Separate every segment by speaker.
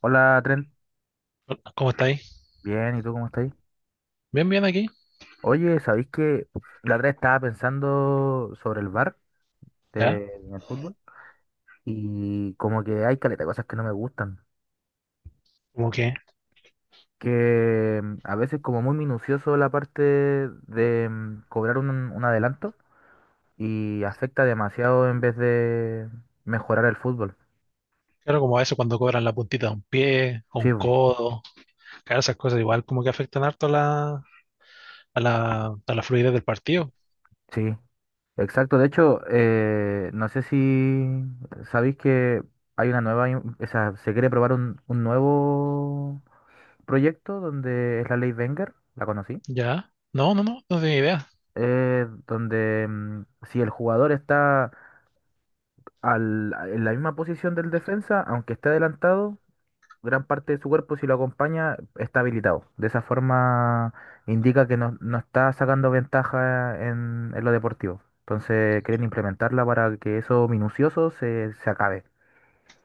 Speaker 1: Hola, Trent.
Speaker 2: Hola, ¿cómo estáis?
Speaker 1: Bien, ¿y tú cómo estás?
Speaker 2: Bien, bien aquí.
Speaker 1: Oye, ¿sabéis que la otra vez estaba pensando sobre el bar
Speaker 2: ¿Ya?
Speaker 1: en el fútbol? Y como que hay caleta de cosas que no me gustan.
Speaker 2: Como que,
Speaker 1: Que a veces como muy minucioso la parte de cobrar un adelanto y afecta demasiado en vez de mejorar el fútbol.
Speaker 2: claro, como a veces cuando cobran la puntita de un pie, o un
Speaker 1: Sí,
Speaker 2: codo, claro, esas cosas igual como que afectan harto a la fluidez del partido.
Speaker 1: sí. Exacto, de hecho, no sé si sabéis que hay una nueva, o sea, se quiere probar un nuevo proyecto donde es la ley Wenger, la conocí.
Speaker 2: ¿Ya? No, no tenía idea.
Speaker 1: Donde si el jugador está en la misma posición del defensa, aunque esté adelantado, gran parte de su cuerpo si lo acompaña está habilitado. De esa forma indica que no está sacando ventaja en lo deportivo. Entonces quieren implementarla para que eso minucioso se acabe.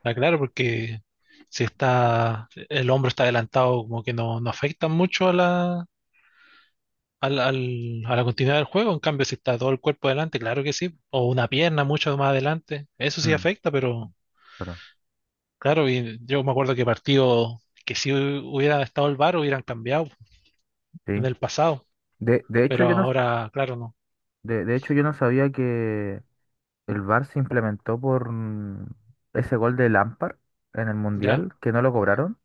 Speaker 2: Ah, claro, porque si está, el hombro está adelantado, como que no, no afecta mucho a la, a la continuidad del juego, en cambio si está todo el cuerpo adelante, claro que sí, o una pierna mucho más adelante, eso sí
Speaker 1: Mm.
Speaker 2: afecta, pero...
Speaker 1: Claro,
Speaker 2: Claro, y yo me acuerdo que partido que si hubiera estado el VAR hubieran cambiado
Speaker 1: sí.
Speaker 2: en el pasado,
Speaker 1: De, de hecho,
Speaker 2: pero
Speaker 1: yo no,
Speaker 2: ahora, claro, no.
Speaker 1: de hecho, yo no sabía que el VAR se implementó por ese gol de Lampard en el
Speaker 2: Ya,
Speaker 1: Mundial, que no lo cobraron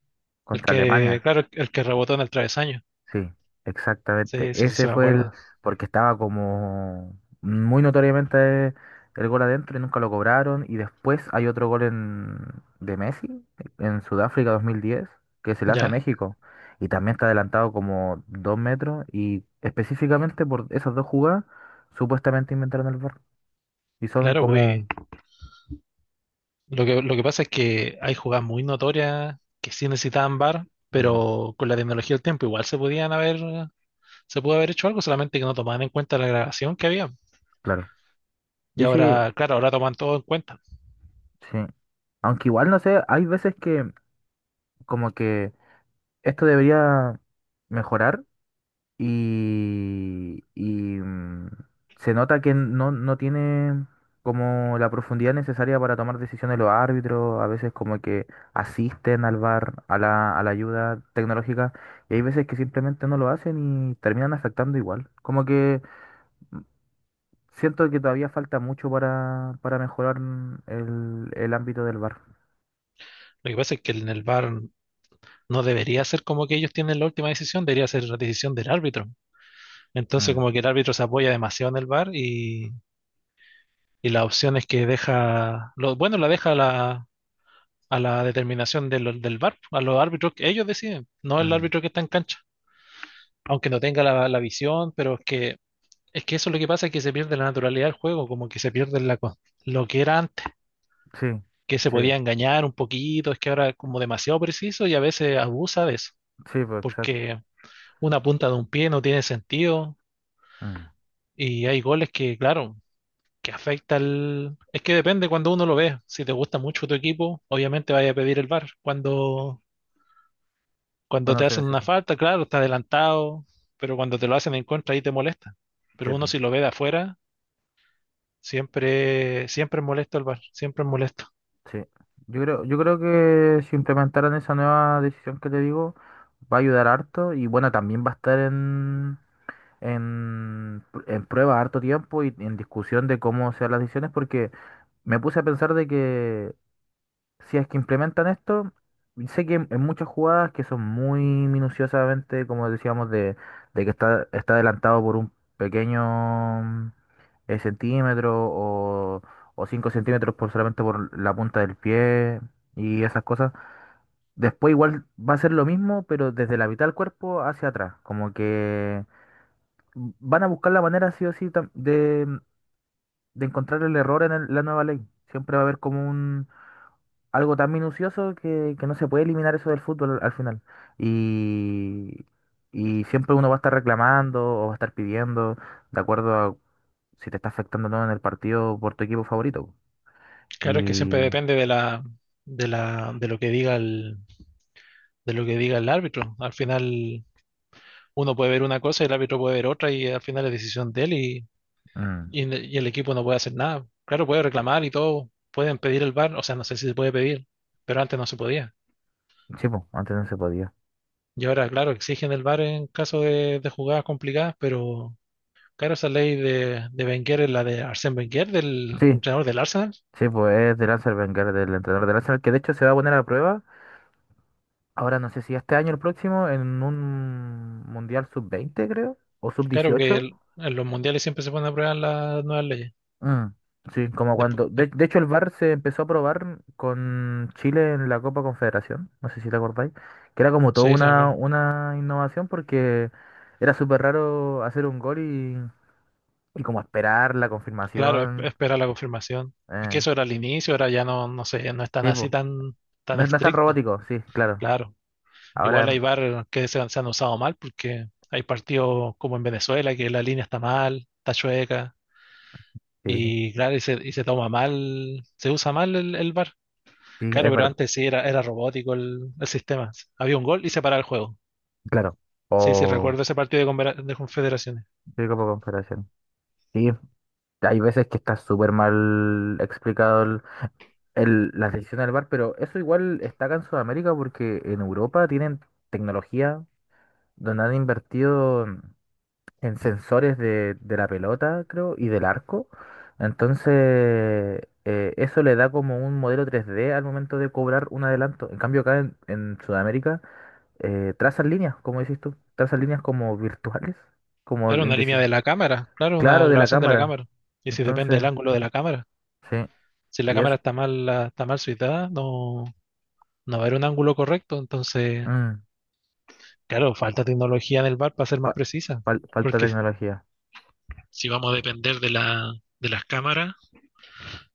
Speaker 2: el
Speaker 1: contra
Speaker 2: que,
Speaker 1: Alemania.
Speaker 2: claro, el que rebotó en el travesaño.
Speaker 1: Sí, exactamente.
Speaker 2: Sí, sí, sí, sí me acuerdo.
Speaker 1: Porque estaba como muy notoriamente el gol adentro y nunca lo cobraron. Y después hay otro gol de Messi en Sudáfrica 2010 que se le hace a
Speaker 2: Ya,
Speaker 1: México. Y también está adelantado como 2 metros. Y específicamente por esas dos jugadas, supuestamente inventaron el VAR. Y son
Speaker 2: claro,
Speaker 1: como.
Speaker 2: pues lo que pasa es que hay jugadas muy notorias que sí necesitaban VAR,
Speaker 1: Mm.
Speaker 2: pero con la tecnología del tiempo igual se podían haber, se pudo haber hecho algo, solamente que no tomaban en cuenta la grabación que había.
Speaker 1: Claro.
Speaker 2: Y
Speaker 1: Sí, sí,
Speaker 2: ahora, claro, ahora toman todo en cuenta.
Speaker 1: sí. Aunque igual no sé, hay veces que como que esto debería mejorar y se nota que no tiene como la profundidad necesaria para tomar decisiones los árbitros, a veces como que asisten al VAR, a la ayuda tecnológica, y hay veces que simplemente no lo hacen y terminan afectando igual. Como que siento que todavía falta mucho para mejorar el ámbito del VAR.
Speaker 2: Lo que pasa es que en el VAR no debería ser como que ellos tienen la última decisión, debería ser la decisión del árbitro. Entonces,
Speaker 1: Mm,
Speaker 2: como que el árbitro se apoya demasiado en el VAR y la opción es que deja, lo, bueno, la deja a la determinación de del VAR, a R, a los árbitros que ellos deciden, no el
Speaker 1: mm.
Speaker 2: árbitro que está en cancha, aunque no tenga la, la visión, pero es que eso es lo que pasa, es que se pierde la naturalidad del juego, como que se pierde la, lo que era antes,
Speaker 1: Sí,
Speaker 2: que se
Speaker 1: sí,
Speaker 2: podía engañar un poquito, es que ahora es como demasiado preciso y a veces abusa de eso,
Speaker 1: sí, pues exacto.
Speaker 2: porque una punta de un pie no tiene sentido.
Speaker 1: Mm.
Speaker 2: Y hay goles que, claro, que afecta al... Es que depende cuando uno lo ve. Si te gusta mucho tu equipo, obviamente vaya a pedir el VAR. Cuando
Speaker 1: Bueno,
Speaker 2: te
Speaker 1: sí, no
Speaker 2: hacen
Speaker 1: sí,
Speaker 2: una falta, claro, está adelantado, pero cuando te lo hacen en contra, ahí te molesta.
Speaker 1: sí,
Speaker 2: Pero uno si lo ve de afuera, siempre, siempre es molesto el VAR, siempre es molesto.
Speaker 1: sí. Yo creo que si implementaran esa nueva decisión que te digo, va a ayudar harto y bueno, también va a estar en prueba harto tiempo y en discusión de cómo sean las decisiones porque me puse a pensar de que si es que implementan esto, sé que en muchas jugadas que son muy minuciosamente, como decíamos, de que está adelantado por un pequeño centímetro o 5 centímetros por solamente por la punta del pie y esas cosas. Después igual va a ser lo mismo, pero desde la mitad del cuerpo hacia atrás. Como que van a buscar la manera sí o sí de encontrar el error en la nueva ley. Siempre va a haber como algo tan minucioso que no se puede eliminar eso del fútbol al final. Y, y siempre uno va a estar reclamando o va a estar pidiendo, de acuerdo a si te está afectando o no en el partido por tu equipo favorito.
Speaker 2: Claro, es que siempre
Speaker 1: Y
Speaker 2: depende de la, de lo que de lo que diga el árbitro. Al final, uno puede ver una cosa y el árbitro puede ver otra y al final es decisión de él
Speaker 1: mm,
Speaker 2: y el equipo no puede hacer nada. Claro, puede reclamar y todo, pueden pedir el VAR, o sea, no sé si se puede pedir, pero antes no se podía.
Speaker 1: sí, pues, antes no se podía.
Speaker 2: Y ahora, claro, exigen el VAR en caso de jugadas complicadas, pero claro, esa ley de Wenger es la de Arsène Wenger, del
Speaker 1: Sí,
Speaker 2: entrenador del Arsenal.
Speaker 1: sí, pues es de Lancer Wenger, del entrenador de Lancer, que de hecho se va a poner a prueba, ahora no sé si este año o el próximo, en un Mundial sub-20 creo, o sub
Speaker 2: Claro que
Speaker 1: dieciocho
Speaker 2: en los mundiales siempre se ponen a prueba las nuevas leyes.
Speaker 1: Mm, sí, como
Speaker 2: Despu-
Speaker 1: cuando. De,
Speaker 2: de-
Speaker 1: de hecho, el VAR se empezó a probar con Chile en la Copa Confederación, no sé si te acordáis, que era como toda
Speaker 2: sí, se me
Speaker 1: una,
Speaker 2: acuerdo.
Speaker 1: una innovación porque era súper raro hacer un gol y como esperar la
Speaker 2: Claro,
Speaker 1: confirmación.
Speaker 2: espera la confirmación. Y
Speaker 1: Eh,
Speaker 2: que eso era al inicio, ahora ya no, no sé, no es
Speaker 1: sí, po.
Speaker 2: tan
Speaker 1: No, es no es tan
Speaker 2: estricto.
Speaker 1: robótico, sí, claro.
Speaker 2: Claro. Igual hay
Speaker 1: Ahora,
Speaker 2: bar que se han usado mal porque hay partidos como en Venezuela que la línea está mal, está chueca
Speaker 1: sí,
Speaker 2: y claro, y se toma mal, se usa mal el bar.
Speaker 1: sí,
Speaker 2: Claro,
Speaker 1: es
Speaker 2: pero
Speaker 1: verdad,
Speaker 2: antes sí era, era robótico el sistema. Había un gol y se paraba el juego.
Speaker 1: claro.
Speaker 2: Sí, sí,
Speaker 1: O.
Speaker 2: recuerdo ese partido de, de Confederaciones.
Speaker 1: Sí, Copa Confederación. Sí, hay veces que está súper mal explicado la decisión del bar, pero eso igual está acá en Sudamérica porque en Europa tienen tecnología donde han invertido en sensores de la pelota, creo, y del arco. Entonces, eso le da como un modelo 3D al momento de cobrar un adelanto. En cambio, acá en Sudamérica, trazan líneas, como decís tú, trazan líneas como virtuales, como
Speaker 2: Claro,
Speaker 1: en
Speaker 2: una línea de
Speaker 1: deci-
Speaker 2: la cámara, claro, una
Speaker 1: claro, de la
Speaker 2: grabación de la
Speaker 1: cámara.
Speaker 2: cámara. Y si depende
Speaker 1: Entonces,
Speaker 2: del ángulo de la cámara.
Speaker 1: sí,
Speaker 2: Si la
Speaker 1: y es
Speaker 2: cámara está mal, está mal situada, no, no va a haber un ángulo correcto. Entonces,
Speaker 1: mm,
Speaker 2: claro, falta tecnología en el bar para ser más
Speaker 1: fa-
Speaker 2: precisa.
Speaker 1: fal- falta
Speaker 2: Porque
Speaker 1: tecnología.
Speaker 2: si vamos a depender de la, de las cámaras,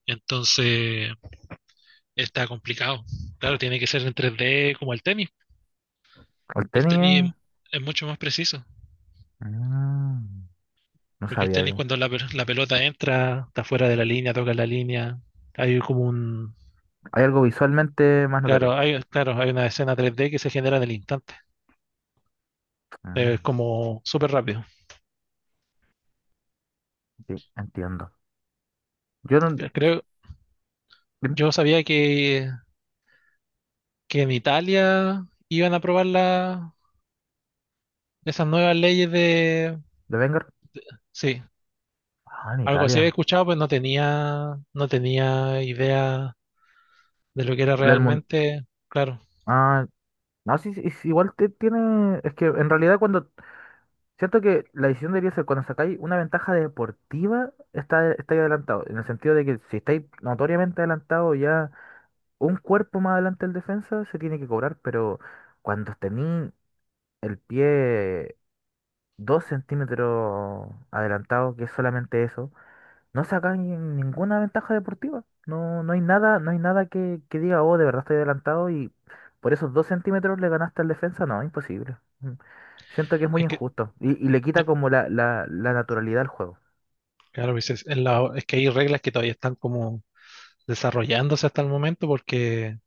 Speaker 2: entonces está complicado. Claro, tiene que ser en 3D como el tenis.
Speaker 1: Al
Speaker 2: El
Speaker 1: tenis,
Speaker 2: tenis
Speaker 1: ¿eh?
Speaker 2: es mucho más preciso,
Speaker 1: Ah, no
Speaker 2: porque el
Speaker 1: sabía.
Speaker 2: tenis cuando la pelota entra, está fuera de la línea, toca la línea, hay como un...
Speaker 1: Hay algo visualmente más notorio.
Speaker 2: Claro, hay una escena 3D que se genera en el instante. Es
Speaker 1: Ah,
Speaker 2: como súper rápido.
Speaker 1: sí, entiendo. Yo no.
Speaker 2: Creo,
Speaker 1: Dime,
Speaker 2: yo sabía que en Italia iban a aprobar la, esas nuevas leyes de...
Speaker 1: ¿de Wenger?
Speaker 2: Sí,
Speaker 1: Ah, en
Speaker 2: algo así había
Speaker 1: Italia.
Speaker 2: escuchado, pues no tenía, no tenía idea de lo que era
Speaker 1: Del mundo.
Speaker 2: realmente. Claro,
Speaker 1: Ah, no, sí, sí, es igual te tiene. Es que en realidad, cuando. Siento que la decisión debería ser cuando sacáis una ventaja deportiva, estáis adelantado. En el sentido de que si estáis notoriamente adelantado ya un cuerpo más adelante el defensa, se tiene que cobrar, pero cuando tenéis el pie 2 centímetros adelantado, que es solamente eso, no saca ninguna ventaja deportiva. No, no hay nada, no hay nada que diga, oh, de verdad estoy adelantado y por esos 2 centímetros le ganaste al defensa. No, imposible. Mm. Siento que es muy
Speaker 2: es que,
Speaker 1: injusto y le quita
Speaker 2: eh,
Speaker 1: como la naturalidad al juego.
Speaker 2: claro, pues es, es que hay reglas que todavía están como desarrollándose hasta el momento, porque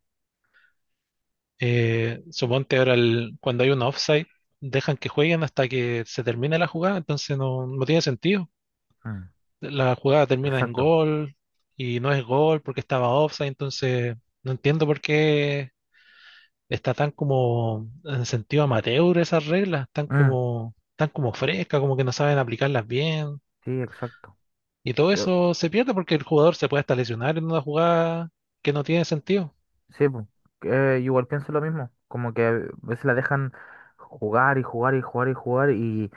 Speaker 2: suponte ahora cuando hay un offside, dejan que jueguen hasta que se termine la jugada, entonces no, no tiene sentido.
Speaker 1: Mm,
Speaker 2: La jugada termina en
Speaker 1: exacto.
Speaker 2: gol y no es gol porque estaba offside, entonces no entiendo por qué está tan como en sentido amateur esas reglas,
Speaker 1: Mm,
Speaker 2: tan como frescas, como que no saben aplicarlas bien.
Speaker 1: sí, exacto.
Speaker 2: Y todo eso se pierde porque el jugador se puede hasta lesionar en una jugada que no tiene sentido.
Speaker 1: Sí, po. Igual pienso lo mismo, como que a veces la dejan jugar y jugar y jugar y jugar y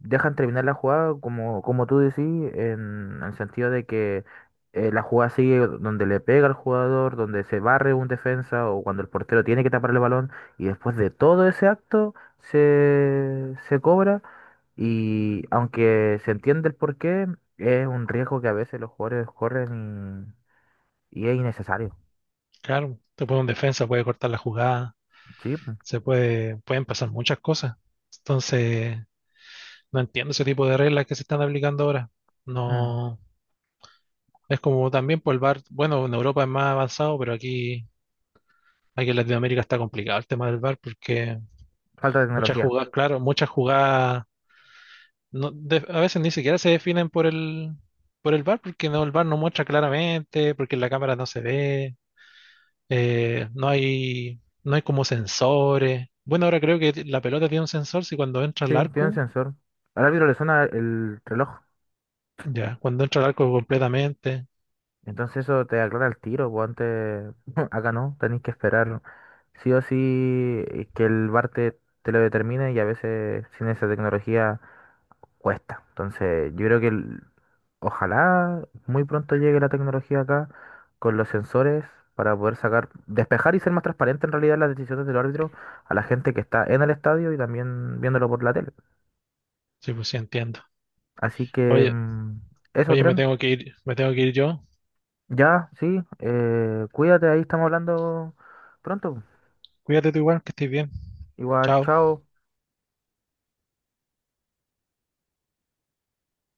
Speaker 1: dejan terminar la jugada como, como tú decís, en el sentido de que la jugada sigue donde le pega al jugador, donde se barre un defensa o cuando el portero tiene que tapar el balón y después de todo ese acto se cobra, y aunque se entiende el porqué, es un riesgo que a veces los jugadores corren y es innecesario.
Speaker 2: Claro, te puede un defensa, puede cortar la jugada,
Speaker 1: Sí, po.
Speaker 2: se puede, pueden pasar muchas cosas. Entonces, no entiendo ese tipo de reglas que se están aplicando ahora.
Speaker 1: Mm.
Speaker 2: No, es como también por el VAR, bueno, en Europa es más avanzado, pero aquí, aquí en Latinoamérica está complicado el tema del VAR porque
Speaker 1: Falta de
Speaker 2: muchas
Speaker 1: tecnología.
Speaker 2: jugadas, claro, muchas jugadas no, a veces ni siquiera se definen por el bar porque no, el bar no muestra claramente, porque en la cámara no se ve, no hay, no hay como sensores. Bueno, ahora creo que la pelota tiene un sensor, si cuando entra
Speaker 1: Sí,
Speaker 2: al
Speaker 1: tiene un
Speaker 2: arco,
Speaker 1: sensor. Al árbitro le suena el reloj.
Speaker 2: ya, cuando entra al arco completamente.
Speaker 1: Entonces eso te aclara el tiro, pues antes acá no, tenés que esperar, ¿no? Sí o sí, que el VAR te lo determine, y a veces sin esa tecnología cuesta. Entonces yo creo que ojalá muy pronto llegue la tecnología acá con los sensores para poder sacar, despejar y ser más transparente en realidad las decisiones del árbitro a la gente que está en el estadio y también viéndolo por la tele.
Speaker 2: Sí, pues sí entiendo.
Speaker 1: Así que
Speaker 2: Oye,
Speaker 1: eso,
Speaker 2: oye, me
Speaker 1: Tren.
Speaker 2: tengo que ir, me tengo que ir yo.
Speaker 1: Ya, sí, cuídate, ahí estamos hablando pronto.
Speaker 2: Cuídate tú igual, que estés bien.
Speaker 1: Igual,
Speaker 2: Chao.
Speaker 1: chao.